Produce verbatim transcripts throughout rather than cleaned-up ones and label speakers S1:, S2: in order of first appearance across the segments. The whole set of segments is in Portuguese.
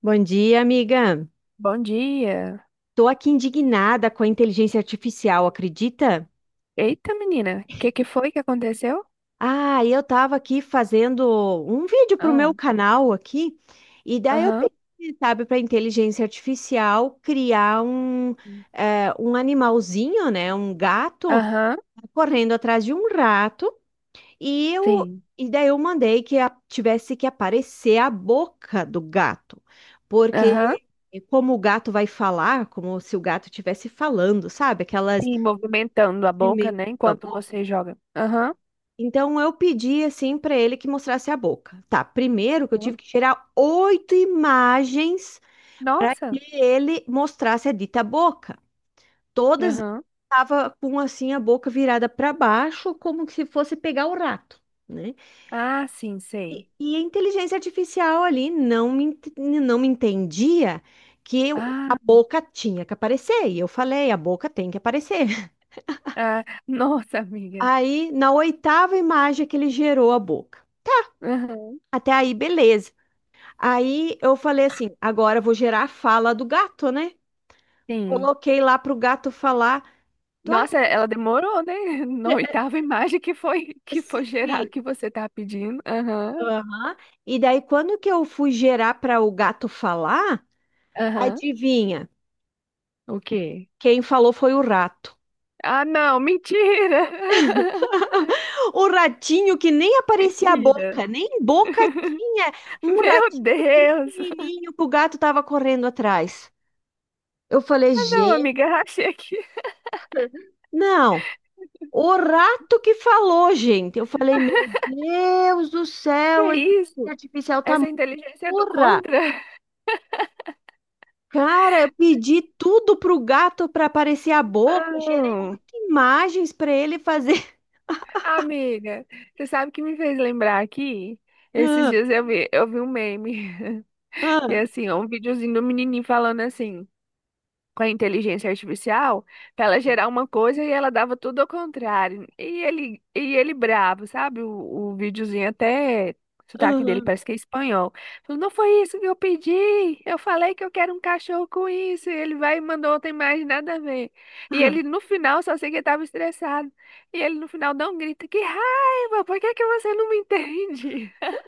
S1: Bom dia, amiga.
S2: Bom dia.
S1: Tô aqui indignada com a inteligência artificial, acredita?
S2: Eita, menina, o que que foi que aconteceu?
S1: Ah, eu tava aqui fazendo um vídeo pro
S2: Ah,
S1: meu canal aqui, e daí eu
S2: aham,
S1: pedi, sabe, para inteligência artificial criar um, eh, um animalzinho, né, um gato
S2: aham,
S1: correndo atrás de um rato. E eu,
S2: sim,
S1: e daí eu mandei que a- tivesse que aparecer a boca do gato,
S2: aham,
S1: porque como o gato vai falar, como se o gato estivesse falando, sabe? Aquelas
S2: sim, movimentando a boca,
S1: movimentos
S2: né,
S1: da
S2: enquanto
S1: boca.
S2: você joga. Aham,
S1: Então eu pedi assim para ele que mostrasse a boca. Tá, primeiro que eu
S2: aham.
S1: tive que tirar oito imagens para que
S2: Nossa,
S1: ele mostrasse a dita boca. Todas
S2: aham,
S1: estavam com assim a boca virada para baixo, como se fosse pegar o rato, né?
S2: ah, sim, sei.
S1: E a inteligência artificial ali não me, ent- não me entendia que eu- a
S2: Ah,
S1: boca tinha que aparecer. E eu falei, a boca tem que aparecer.
S2: ah, nossa, amiga,
S1: Aí, na oitava imagem que ele gerou a boca.
S2: aham,
S1: Até aí, beleza. Aí eu falei assim, agora eu vou gerar a fala do gato, né?
S2: sim.
S1: Coloquei lá pro gato falar. Tu ac-
S2: Nossa, ela demorou, né, na oitava imagem que foi, que foi geral
S1: se-
S2: que você tá pedindo. Aham,
S1: Aham. E daí, quando que eu fui gerar para o gato falar,
S2: aham,
S1: adivinha?
S2: o quê?
S1: Quem falou foi o rato.
S2: Ah, não, mentira!
S1: O ratinho que nem aparecia a
S2: Mentira.
S1: boca, nem boca tinha. Um
S2: Meu
S1: ratinho
S2: Deus!
S1: pequenininho que o gato tava correndo atrás. Eu falei,
S2: Ah, não,
S1: gente,
S2: amiga, rachei aqui.
S1: não. O rato que falou, gente. Eu falei, meu Deus do
S2: Que
S1: céu,
S2: é
S1: a inteligência
S2: isso?
S1: artificial tá
S2: Essa inteligência é do
S1: burra.
S2: contra?
S1: Cara, eu pedi tudo pro gato para aparecer a boca, gerei
S2: Não.
S1: oito imagens para ele fazer.
S2: Amiga, você sabe o que me fez lembrar aqui? Esses
S1: Ah,
S2: dias eu vi, eu vi um meme, que é
S1: ah,
S2: assim, é um videozinho do menininho falando assim. Com a inteligência artificial para ela gerar uma coisa e ela dava tudo ao contrário. E ele, e ele bravo, sabe? O, o videozinho até o sotaque dele
S1: aham,
S2: parece que é espanhol. Falou, não foi isso que eu pedi. Eu falei que eu quero um cachorro com isso. E ele vai e mandou outra imagem, nada a ver. E ele
S1: aham.
S2: no final, só sei que ele estava estressado. E ele no final dá um grito, que raiva, por que que você não me entende?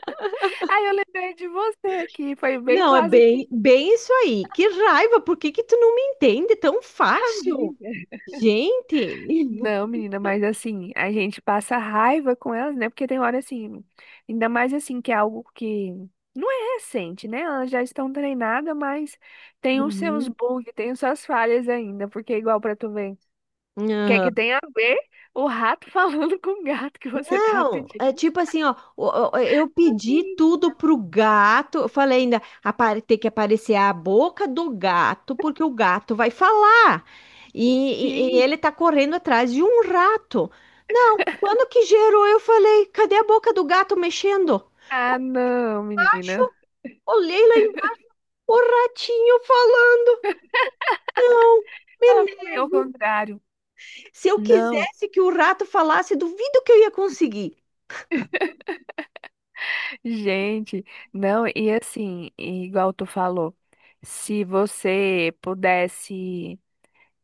S2: Aí eu lembrei de você aqui, foi bem
S1: Não, é
S2: quase que
S1: bem, bem isso aí. Que raiva, por que que tu não me entende tão fácil?
S2: amiga.
S1: Gente.
S2: Não, menina, mas assim, a gente passa raiva com elas, né? Porque tem hora assim, ainda mais assim, que é algo que não é recente, né? Elas já estão treinadas, mas tem os seus
S1: Uhum.
S2: bugs, tem as suas falhas ainda, porque é igual pra tu ver. Quer que
S1: Aham.
S2: tenha a ver o rato falando com o gato que você tá
S1: Não,
S2: pedindo?
S1: é tipo assim, ó, o- o- eu pedi tudo pro gato, eu falei ainda, apare- tem que aparecer a boca do gato, porque o gato vai falar, e, e- e
S2: Sim.
S1: ele tá correndo atrás de um rato. Não, quando que gerou, eu falei, cadê a boca do gato mexendo?
S2: Ah, não, menina.
S1: O Olhei lá embaixo, o ratinho falando. Não, me
S2: Ela foi ao
S1: nego.
S2: contrário.
S1: Se eu
S2: Não.
S1: quisesse que o rato falasse, duvido que eu ia conseguir.
S2: Gente, não, e assim, e igual tu falou, se você pudesse,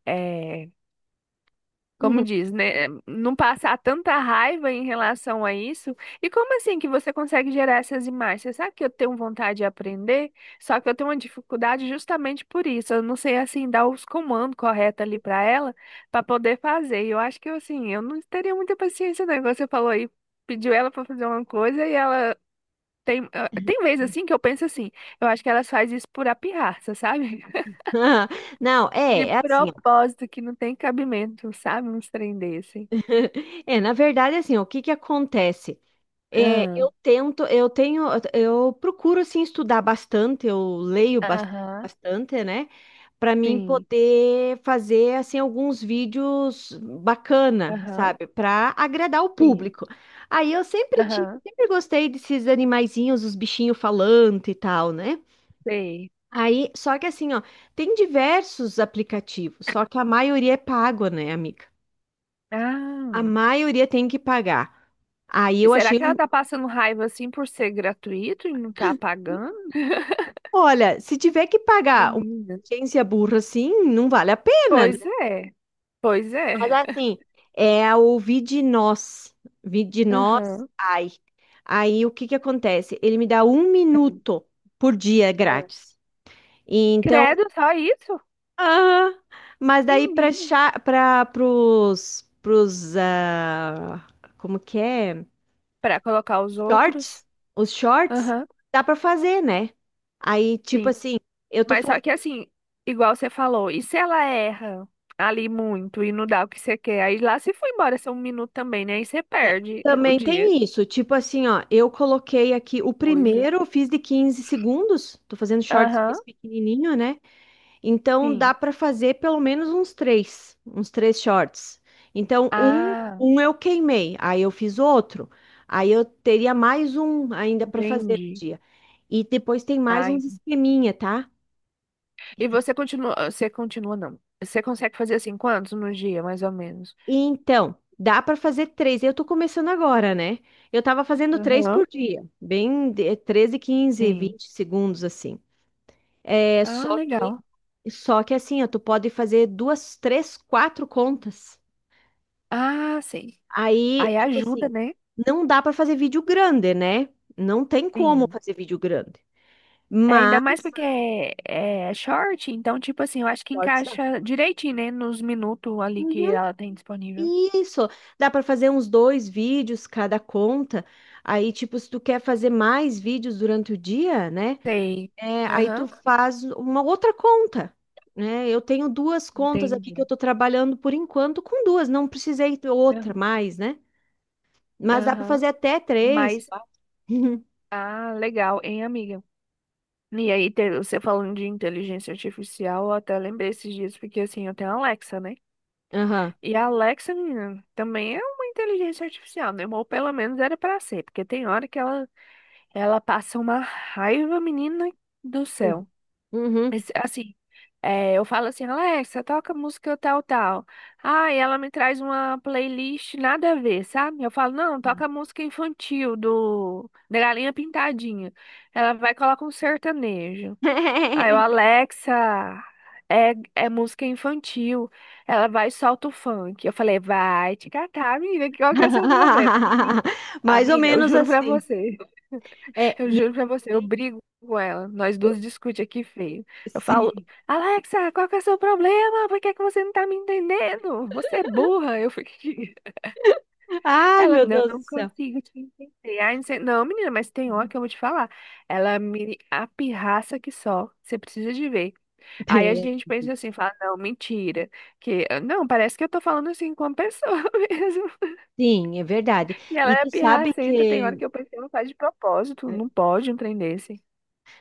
S2: é como diz, né, não passar tanta raiva em relação a isso, e como assim que você consegue gerar essas imagens? Você sabe que eu tenho vontade de aprender, só que eu tenho uma dificuldade justamente por isso, eu não sei, assim, dar os comandos corretos ali para ela, para poder fazer, e eu acho que, assim, eu não teria muita paciência, não, igual você falou aí, pediu ela para fazer uma coisa e ela tem, eh, tem vezes assim que eu penso assim, eu acho que elas fazem isso por pirraça, sabe?
S1: Não, é,
S2: De
S1: é assim, ó.
S2: propósito, que não tem cabimento, sabe? Uns trem desse.
S1: É, na verdade, assim, ó, o que que acontece? É,
S2: Ah,
S1: eu tento, eu tenho, eu procuro assim estudar bastante, eu leio bas-
S2: aham,
S1: bastante, né? Para mim
S2: sim.
S1: poder fazer assim alguns vídeos bacana,
S2: Aham,
S1: sabe? Para agradar o
S2: sim.
S1: público. Aí eu sempre tive,
S2: Aham,
S1: sempre gostei desses animaizinhos, os bichinhos falantes e tal, né?
S2: sei.
S1: Aí, só que assim, ó, tem diversos aplicativos, só que a maioria é pago, né, amiga? A
S2: Ah.
S1: maioria tem que pagar. Aí
S2: E
S1: eu
S2: será
S1: achei
S2: que ela
S1: um
S2: tá passando raiva assim por ser gratuito e não tá pagando?
S1: Olha, se tiver que pagar uma
S2: Menina.
S1: agência burra assim, não vale a pena, né?
S2: Pois é, pois
S1: Mas
S2: é.
S1: assim, é o Vidinós. Vidinós,
S2: Aham.
S1: ai. Aí o que que acontece? Ele me dá um minuto por dia
S2: Ah.
S1: grátis. E então,
S2: Credo, só isso?
S1: ah, mas daí para
S2: Menina.
S1: para pros pros ah, como que é?
S2: Pra colocar os outros?
S1: Shorts, os shorts
S2: Aham.
S1: dá para fazer, né? Aí tipo assim, eu tô
S2: Mas
S1: fazendo
S2: só que assim, igual você falou, e se ela erra ali muito e não dá o que você quer? Aí lá se foi embora só um minuto também, né? Aí você
S1: É.
S2: perde o
S1: Também
S2: dia.
S1: tem isso, tipo assim, ó, eu coloquei aqui
S2: Que
S1: o
S2: coisa.
S1: primeiro, eu fiz de quinze segundos, tô fazendo shorts
S2: Aham,
S1: desse pequenininho, né? Então dá
S2: sim.
S1: pra fazer pelo menos uns três, uns três shorts. Então um,
S2: Ah,
S1: um eu queimei, aí eu fiz outro, aí eu teria mais um ainda pra fazer no
S2: entendi.
S1: dia. E depois tem mais
S2: Ai.
S1: uns esqueminha, tá?
S2: E você continua, você continua não. Você consegue fazer assim quantos no dia, mais ou menos?
S1: Então, dá para fazer três. Eu tô começando agora, né? Eu tava fazendo três
S2: Aham,
S1: por dia, bem de- treze, quinze,
S2: sim.
S1: vinte segundos assim. É,
S2: Ah,
S1: só que
S2: legal.
S1: só que assim, ó, tu pode fazer duas, três, quatro contas.
S2: Ah, sim.
S1: Aí,
S2: Aí
S1: tipo
S2: ajuda,
S1: assim,
S2: né?
S1: não dá para fazer vídeo grande, né? Não tem como
S2: Sim.
S1: fazer vídeo grande.
S2: É, ainda mais
S1: Mas
S2: porque é, é short, então, tipo assim, eu acho que
S1: cortes dá.
S2: encaixa direitinho, né, nos minutos ali que
S1: Uhum.
S2: ela tem disponível.
S1: Isso, dá para fazer uns dois vídeos cada conta. Aí, tipo, se tu quer fazer mais vídeos durante o dia, né?
S2: Sei.
S1: É, aí tu
S2: Aham,
S1: faz uma outra conta, né? Eu tenho duas contas aqui
S2: entendi.
S1: que eu tô trabalhando por enquanto com duas, não precisei ter outra
S2: Aham.
S1: mais, né? Mas dá para
S2: Aham.
S1: fazer até três,
S2: Mas,
S1: quatro.
S2: ah, legal, hein, amiga? E aí, te- você falando de inteligência artificial, eu até lembrei esses dias, porque assim, eu tenho a Alexa, né?
S1: Aham.
S2: E a Alexa, menina, também é uma inteligência artificial, né? Ou pelo menos era pra ser, porque tem hora que ela, ela passa uma raiva, menina do céu.
S1: Uhum.
S2: Mas, assim, é, eu falo assim, Alexa, toca música tal, tal. Ah, e ela me traz uma playlist nada a ver, sabe? Eu falo, não, toca música infantil do da Galinha Pintadinha. Ela vai e coloca um sertanejo. Aí eu, Alexa, é, é música infantil. Ela vai e solta o funk. Eu falei, vai te catar, amiga, qual que é o seu problema? Menina,
S1: Mais ou
S2: amiga, eu
S1: menos
S2: juro pra
S1: assim.
S2: você.
S1: É,
S2: Eu
S1: e eu,
S2: juro pra você, eu brigo com ela. Nós
S1: eu-
S2: duas discute aqui feio. Eu falo,
S1: sim.
S2: Alexa, qual que é o seu problema? Por que que você não tá me entendendo? Você é burra. Eu fico aqui.
S1: Ai,
S2: Ela,
S1: meu
S2: não
S1: Deus do céu.
S2: consigo te entender. Aí, não sei- não, menina, mas tem hora que eu vou te falar. Ela me apirraça que só. Você precisa de ver. Aí a gente pensa assim, fala, não, mentira. Que, não, parece que eu tô falando assim com uma pessoa mesmo.
S1: Sim, é verdade.
S2: E ela
S1: E
S2: é
S1: tu sabe
S2: pirracenta. Tem hora
S1: que
S2: que eu pensei, não faz de propósito.
S1: é,
S2: Não pode um trem desse.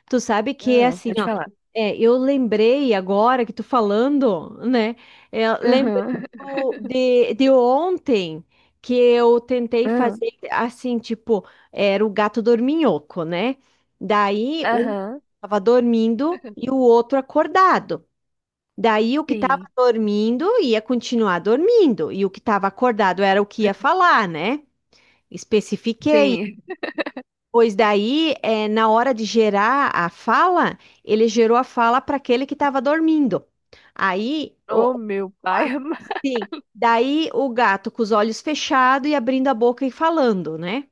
S1: Tu sabe que é
S2: Ah,
S1: assim,
S2: pode
S1: ó.
S2: falar.
S1: É, eu lembrei agora que tu falando, né? é, lembrei
S2: Aham.
S1: do- de, de ontem que eu tentei
S2: Aham.
S1: fazer assim, tipo, era o gato dorminhoco, né? Daí um
S2: Aham.
S1: tava dormindo e o outro acordado. Daí o que tava
S2: Sim.
S1: dormindo ia continuar dormindo e o que tava acordado era o que ia falar, né? Especifiquei.
S2: Sim.
S1: Pois daí, é, na hora de gerar a fala, ele gerou a fala para aquele que estava dormindo. Aí, o,
S2: Oh, meu pai
S1: a-
S2: amado.
S1: sim, daí o gato com os olhos fechados e abrindo a boca e falando, né?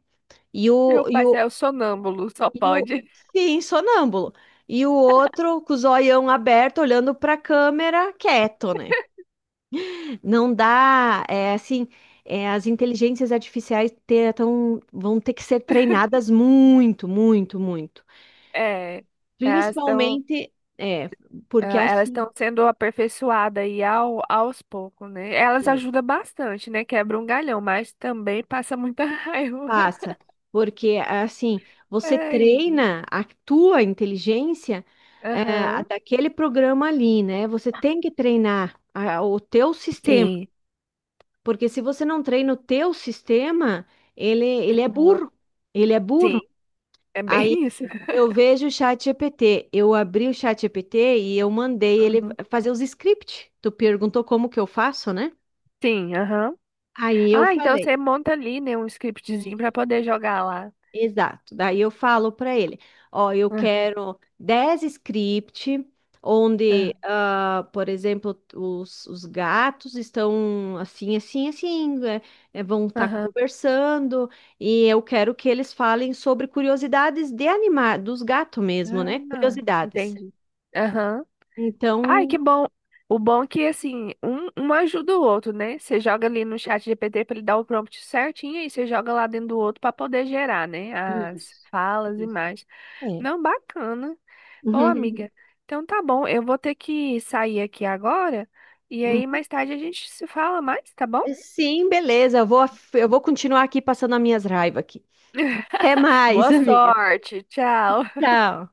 S1: E
S2: Meu
S1: o, e
S2: pai
S1: o,
S2: é o sonâmbulo, só
S1: e o,
S2: pode.
S1: sim, sonâmbulo. E o outro com os olhão aberto, olhando para a câmera, quieto, né? Não dá, é assim, é, as inteligências artificiais te- tão- vão ter que ser treinadas muito, muito, muito.
S2: É. Elas estão,
S1: Principalmente, é, porque
S2: elas
S1: assim,
S2: estão sendo aperfeiçoadas aí ao, aos poucos, né? Elas
S1: é,
S2: ajudam bastante, né? Quebra um galhão, mas também passa muita raiva.
S1: passa, porque assim, você
S2: Ai, menino.
S1: treina a tua inteligência, é, a
S2: Aham.
S1: daquele programa ali, né? Você tem que treinar a- o teu sistema,
S2: Sim.
S1: porque se você não treina o teu sistema, ele, ele é
S2: Aham.
S1: burro, ele é
S2: Sim.
S1: burro.
S2: É
S1: Aí
S2: bem isso.
S1: eu vejo o chat G P T, eu abri o chat G P T e eu mandei ele
S2: Uhum.
S1: fazer os scripts. Tu perguntou como que eu faço, né?
S2: Sim, aham.
S1: Aí eu
S2: Ah, então
S1: falei.
S2: você monta ali, né, um scriptzinho pra poder jogar lá.
S1: Exato. Daí eu falo para ele, ó, eu quero dez script
S2: Aham.
S1: onde, ah, por exemplo, os, os gatos estão assim, assim, assim, é, é, vão estar
S2: Aham.
S1: conversando, e eu quero que eles falem sobre curiosidades de animar, dos gatos mesmo, né?
S2: Ah,
S1: Curiosidades.
S2: entendi. Aham. Ai, que
S1: Então,
S2: bom. O bom é que, assim, um, um ajuda o outro, né? Você joga ali no chat G P T para ele dar o prompt certinho e você joga lá dentro do outro para poder gerar, né? As
S1: isso,
S2: falas e
S1: isso.
S2: mais.
S1: É.
S2: Não, bacana. Ô, amiga, então tá bom. Eu vou ter que sair aqui agora e aí
S1: Uhum.
S2: mais tarde a gente se fala mais, tá bom?
S1: Sim, beleza. Eu vou, eu vou continuar aqui passando as minhas raivas aqui. Até mais,
S2: Boa
S1: amiga.
S2: sorte. Tchau.
S1: Tchau.